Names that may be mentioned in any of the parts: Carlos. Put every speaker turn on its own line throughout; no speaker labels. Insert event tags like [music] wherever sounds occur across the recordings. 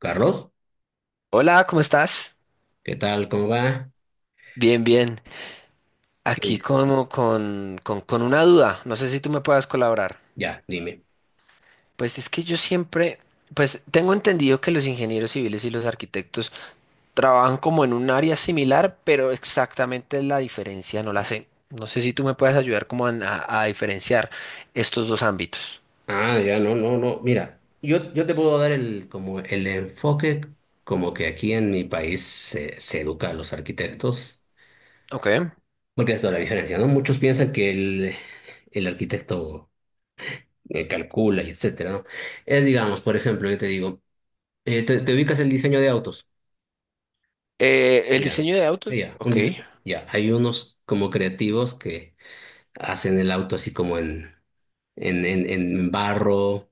Carlos,
Hola, ¿cómo estás?
¿qué tal? ¿Cómo va?
Bien, bien.
¿Qué
Aquí
dices?
como con una duda. No sé si tú me puedas colaborar.
Ya, dime.
Pues es que yo siempre, pues tengo entendido que los ingenieros civiles y los arquitectos trabajan como en un área similar, pero exactamente la diferencia no la sé. No sé si tú me puedes ayudar como a diferenciar estos dos ámbitos.
Ah, ya, no, no, no. Mira, yo te puedo dar el, como el enfoque como que aquí en mi país se educa a los arquitectos,
Ok.
porque es toda la diferencia, ¿no? Muchos piensan que el arquitecto calcula y etcétera, ¿no? Es, digamos, por ejemplo, yo te digo, te ubicas el diseño de autos.
El
Ya,
diseño de autos.
ya,
Ok.
ya. Hay unos como creativos que hacen el auto así como en barro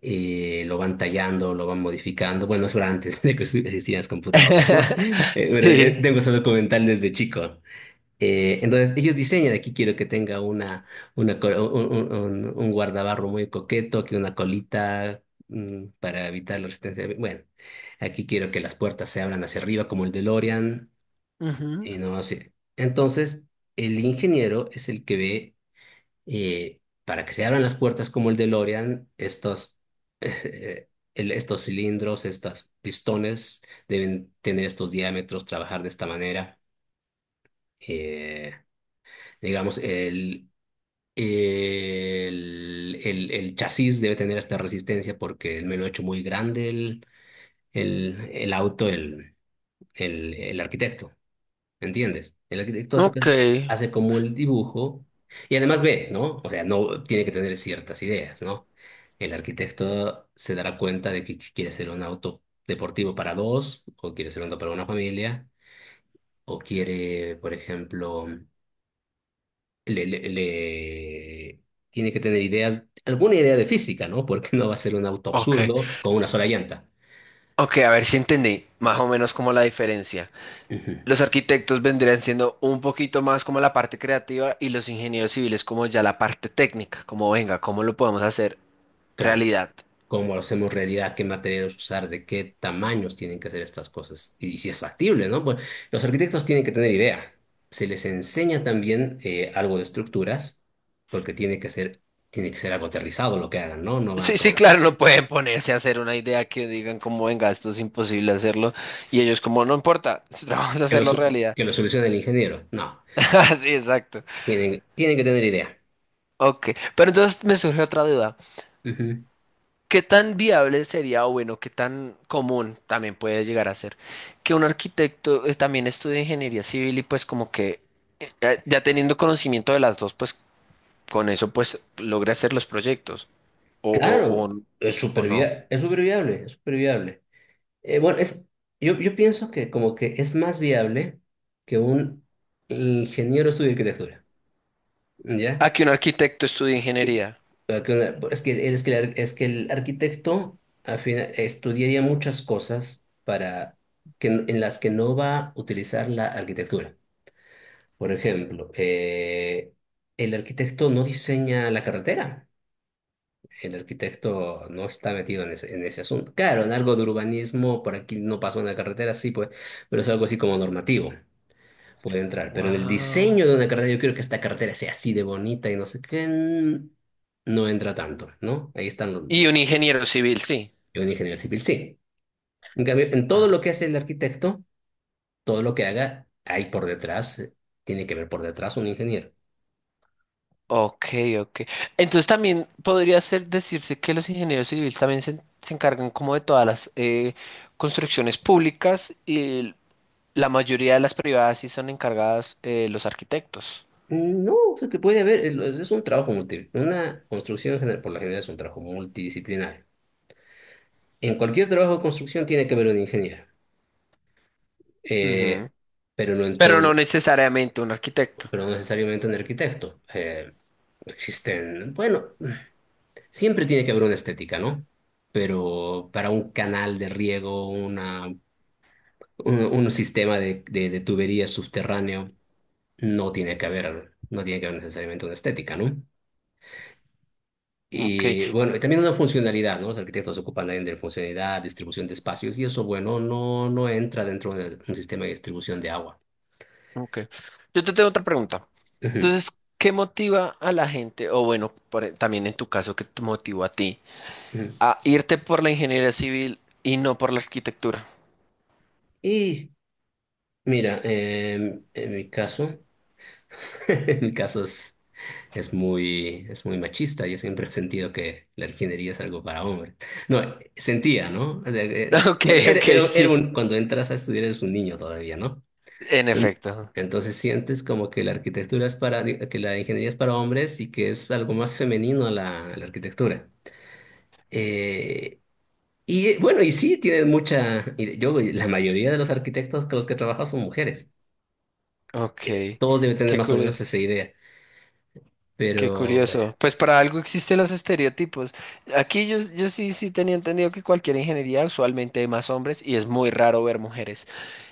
lo van tallando, lo van modificando. Bueno, eso era antes [laughs] de que existieran las computadoras, ¿no?
[laughs]
Pero,
Sí.
tengo ese documental desde chico. Entonces, ellos diseñan, aquí quiero que tenga una, col- un guardabarro muy coqueto, que una colita para evitar la resistencia. Bueno, aquí quiero que las puertas se abran hacia arriba como el DeLorean
Ujú.
y no así. Entonces, el ingeniero es el que ve para que se abran las puertas como el DeLorean, [laughs] eh, estos cilindros, estos pistones deben tener estos diámetros, trabajar de esta manera. Eh, digamos, el chasis debe tener esta resistencia porque me lo ha hecho muy grande el auto, el arquitecto. ¿Entiendes? El arquitecto hace,
Ok.
hace como el dibujo y además ve, ¿no? O sea, no tiene que tener ciertas ideas, ¿no? El arquitecto se dará cuenta de que quiere hacer un auto deportivo para dos, o quiere hacer un auto para una familia, o quiere, por ejemplo, le, le- le- tiene que tener ideas, alguna idea de física, ¿no? [laughs] Porque no va a ser un auto
Ok.
absurdo con una sola llanta.
Ok, a ver si entendí más o menos como la diferencia.
Ujú.
Los arquitectos vendrían siendo un poquito más como la parte creativa y los ingenieros civiles como ya la parte técnica, como venga, ¿cómo lo podemos hacer
Claro.
realidad?
Cómo lo hacemos realidad, qué materiales usar, de qué tamaños tienen que ser estas cosas y, si es factible, ¿no? Pues los arquitectos tienen que tener idea. Se les enseña también algo de estructuras, porque tiene que ser algo aterrizado lo que hagan, ¿no? No va
Sí, sí,
con
claro, no pueden ponerse a hacer una idea que digan como venga, esto es imposible hacerlo y ellos como no importa, [laughs] vamos a hacerlo realidad.
que lo solucione el ingeniero, no.
[laughs] Sí, exacto.
Tienen que tener idea.
Ok, pero entonces me surge otra duda.
Ujú.
¿Qué tan viable sería, o bueno, qué tan común también puede llegar a ser que un arquitecto también estudie ingeniería civil y pues como que ya teniendo conocimiento de las dos, pues con eso pues logre hacer los proyectos o, o,
Claro,
o, o no?
es súper viable, es súper viable. Bueno, yo pienso que como que es más viable que un ingeniero estudie arquitectura. ¿Ya?
¿A que un arquitecto estudie
Que-
ingeniería?
eh, que una- es que el arquitecto al final, estudiaría muchas cosas para en las que no va a utilizar la arquitectura. Por ejemplo, el arquitecto no diseña la carretera. El arquitecto no está metido en ese asunto. Claro, en algo de urbanismo, por aquí no pasó una carretera, sí, pues, pero es algo así como normativo. Puede entrar, pero en el
Wow.
diseño de una cartera, yo quiero que esta cartera sea así de bonita y no sé qué, no entra tanto, ¿no? Ahí están los,
Y un ingeniero civil, sí.
un ingeniero civil, sí. En cambio, en todo
Ah,
lo que hace el arquitecto, todo lo que haga, hay por detrás, tiene que ver por detrás un ingeniero.
ok, ok. Entonces también podría ser decirse que los ingenieros civiles también se encargan como de todas las construcciones públicas y la mayoría de las privadas sí son encargadas los arquitectos.
Mm, no, o sea, que puede haber, lo- es un trabajo multi, una construcción en general, por la general es un trabajo multidisciplinario. En cualquier trabajo de construcción tiene que haber un ingeniero,
Ujú.
eh, pero no en
Pero no
todo,
necesariamente un arquitecto.
pero no necesariamente un arquitecto. Bueno, siempre tiene que haber una estética, ¿no? Pero para un canal de riego, un sistema de tuberías subterráneo, no tiene que haber necesariamente una estética, ¿no?
Ok,
Y bueno, y también una funcionalidad, ¿no? Los arquitectos se ocupan también de funcionalidad, distribución de espacios, y eso, bueno, no entra dentro de un sistema de distribución de agua.
ok. Yo te tengo otra pregunta.
Ujú,
Entonces, ¿qué motiva a la gente, o bueno, también en tu caso, qué te motivó a ti,
ujú.
a irte por la ingeniería civil y no por la arquitectura?
Y mira, [laughs] en mi caso es muy machista. Yo siempre he sentido que la ingeniería es algo para hombres. No, sentía, ¿no? O sea,
[laughs] Ok,
Era, era-
ok,
era- era
sí.
un- cuando entras a estudiar eres un niño todavía, ¿no?
En
En-
efecto.
entonces sientes como que la arquitectura es para, que la ingeniería es para hombres y que es algo más femenino la arquitectura. Eh, y bueno, y sí, y yo, la mayoría de los arquitectos con los que he trabajado son mujeres.
Ok,
Todos deben tener
qué
más o menos
curioso.
esa idea,
Qué
pero bueno.
curioso. Pues para algo existen los estereotipos. Aquí yo sí, sí tenía entendido que cualquier ingeniería usualmente hay más hombres y es muy raro ver mujeres.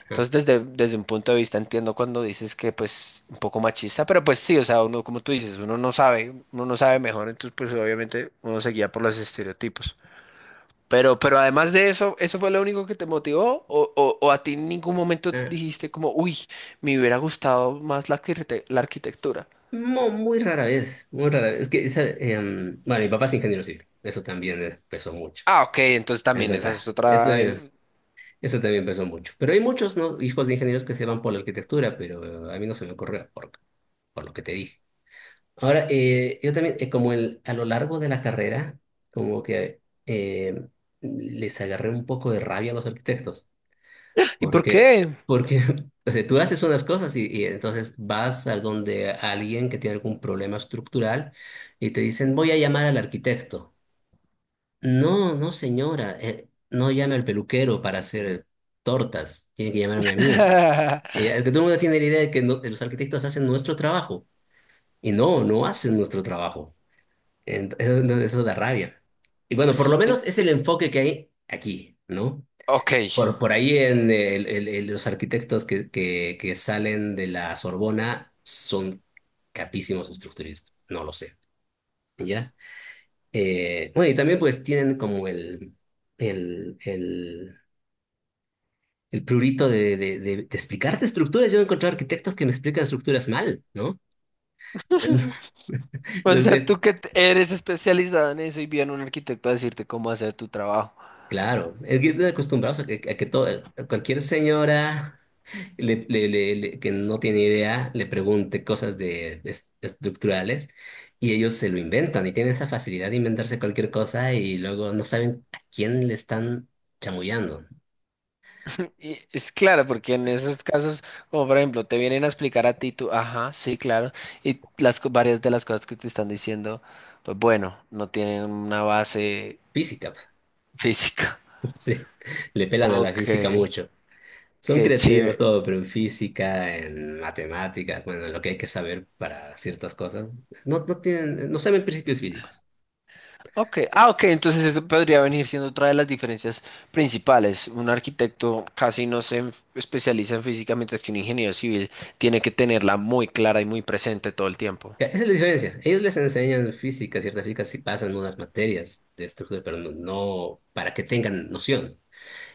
Entonces desde un punto de vista entiendo cuando dices que pues un poco machista, pero pues sí, o sea, uno como tú dices, uno no sabe mejor, entonces pues obviamente uno se guía por los estereotipos. Pero además de eso, ¿eso fue lo único que te motivó? O a ti en ningún momento
Ajá.
dijiste como, uy, me hubiera gustado más la, la arquitectura?
Muy rara vez, muy rara vez. Es que, bueno, mi papá es ingeniero civil, eso también pesó mucho.
Ah, ok, entonces también
Eso,
esa es
está eso
otra.
también- eso también pesó mucho. Pero hay muchos, ¿no?, hijos de ingenieros que se van por la arquitectura, pero a mí no se me ocurre por lo que te dije. Ahora, yo también, a lo largo de la carrera, como que les agarré un poco de rabia a los arquitectos.
¿Y por
Porque,
qué?
porque, [laughs] o sea, tú haces unas cosas y, entonces vas a donde alguien que tiene algún problema estructural y te dicen, voy a llamar al arquitecto. No, no, señora, no llame al peluquero para hacer tortas, tiene que llamarme a mí.
[laughs]
Es que todo el mundo tiene la idea de que los arquitectos hacen nuestro trabajo y no, no hacen nuestro trabajo. Eso da rabia. Y bueno, por lo
En-
menos es el enfoque que hay aquí, ¿no?
Ok.
Por ahí en los arquitectos que salen de la Sorbona son capísimos estructuristas, no lo sé, ¿ya? Bueno, y también pues tienen como el, el, el prurito de explicarte estructuras. Yo he encontrado arquitectos que me explican estructuras mal, ¿no? [laughs]
O sea,
Entonces,
tú que eres especializado en eso y viene un arquitecto a decirte cómo hacer tu trabajo.
claro, es que están acostumbrados a que todo, cualquier señora, que no tiene idea, le pregunte cosas de, estructurales y ellos se lo inventan y tienen esa facilidad de inventarse cualquier cosa y luego no saben a quién le están chamullando.
Y es claro, porque en esos casos, como por ejemplo, te vienen a explicar a ti, tú, ajá, sí, claro, y las varias de las cosas que te están diciendo, pues bueno, no tienen una base
Física,
física. [laughs]
[laughs] sí, le pelan a la
Ok,
física mucho. Son
qué
creativos
chévere.
todo, pero en física, en matemáticas, bueno, en lo que hay que saber para ciertas cosas, no tienen, no saben principios físicos.
Ok, ah, ok, entonces eso podría venir siendo otra de las diferencias principales. Un arquitecto casi no se especializa en física, mientras que un ingeniero civil tiene que tenerla muy clara y muy presente todo el tiempo.
Ya, esa es la diferencia. Ellos les enseñan física, cierta física, sí pasan unas materias de estructura, pero no para que tengan noción.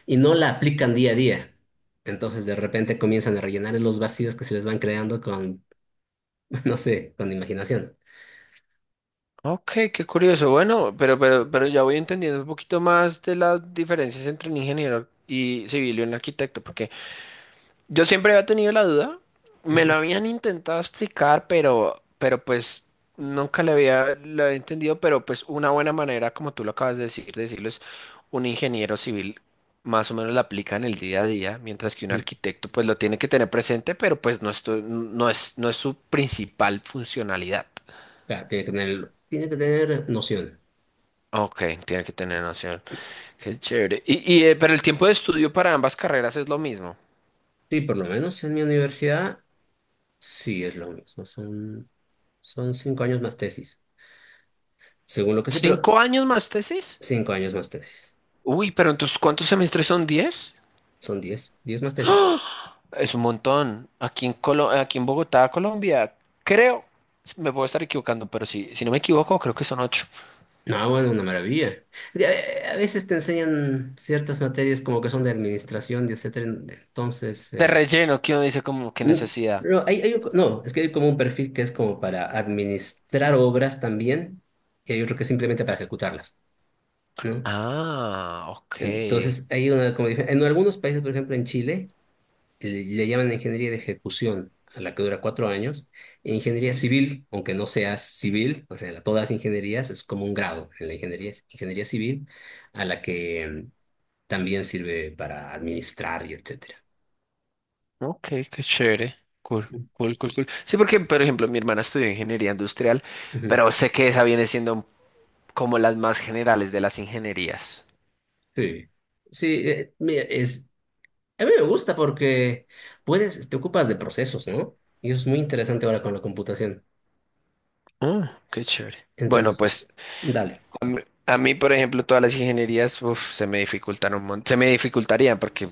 Y no la aplican día a día. Entonces, de repente comienzan a rellenar los vacíos que se les van creando [laughs] no sé, con imaginación.
Ok, qué curioso. Bueno, pero ya voy entendiendo un poquito más de las diferencias entre un ingeniero y civil y un arquitecto, porque yo siempre había tenido la duda, me lo
Ujú.
habían intentado explicar, pero pues nunca lo había entendido, pero pues una buena manera, como tú lo acabas de decir, de decirlo es un ingeniero civil más o menos la aplica en el día a día, mientras que
[laughs]
un
Ujú.
arquitecto pues lo tiene que tener presente, pero pues no, no es, no es su principal funcionalidad.
Claro, tiene que tener noción.
Ok, tiene que tener noción. Qué chévere. Y, pero el tiempo de estudio para ambas carreras es lo mismo.
Sí, por lo menos en mi universidad, sí es lo mismo. Son 5 años más tesis. Según lo que sé, pero
¿5 años más tesis?
5 años más tesis.
Uy, pero entonces ¿cuántos semestres son 10?
Son 10, 10 más tesis.
Es un montón. Aquí en aquí en Bogotá, Colombia, creo, me puedo estar equivocando, pero si no me equivoco, creo que son 8.
No, bueno, una maravilla. De- a veces te enseñan ciertas materias como que son de administración, y etcétera. Entonces,
De relleno, que uno dice como qué
n-
necesidad.
no, es que hay como un perfil que es como para administrar obras también, y hay otro que es simplemente para ejecutarlas, ¿no?
Ah, ok.
Entonces, hay una como en algunos países, por ejemplo, en Chile, le llaman ingeniería de ejecución, a la que dura 4 años, e ingeniería civil, aunque no sea civil, o sea, todas las ingenierías es como un grado en la ingeniería, ingeniería civil, a la que también sirve para administrar y etcétera.
Ok, qué chévere. Cool, cool, cool, cool. Sí, porque, por ejemplo, mi hermana estudió ingeniería industrial,
Ujú.
pero sé que esa viene siendo como las más generales de las ingenierías.
Sí, sí, mira, a mí me gusta porque te ocupas de procesos, ¿no? Y es muy interesante ahora con la computación.
Ah, qué chévere.
Entre
Bueno,
los...
pues
Dale.
a mí, a mí, por ejemplo, todas las ingenierías, uf, se me dificultaron un se me dificultarían porque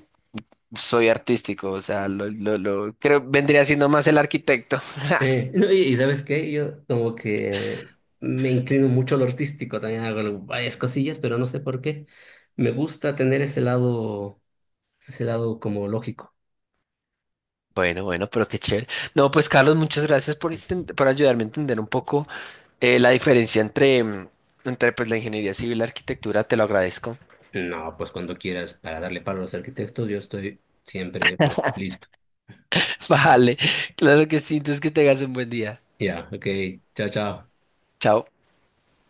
soy artístico, o sea, creo vendría siendo más el arquitecto. [laughs]
No, [laughs] y ¿sabes qué? Yo como que me inclino mucho a lo artístico, también hago varias cosillas, pero no sé por qué. Me gusta tener ese lado como lógico.
Bueno, bueno, pero qué chévere. No, pues Carlos, muchas gracias por, por ayudarme a entender un poco la diferencia entre, mm, entre pues, la ingeniería civil y la arquitectura. Te lo agradezco.
No, pues cuando quieras, para darle palo a los arquitectos, yo estoy siempre listo.
[laughs] Vale, claro que sí. Entonces que tengas un buen día.
Ya, ok, chao, chao.
Chao.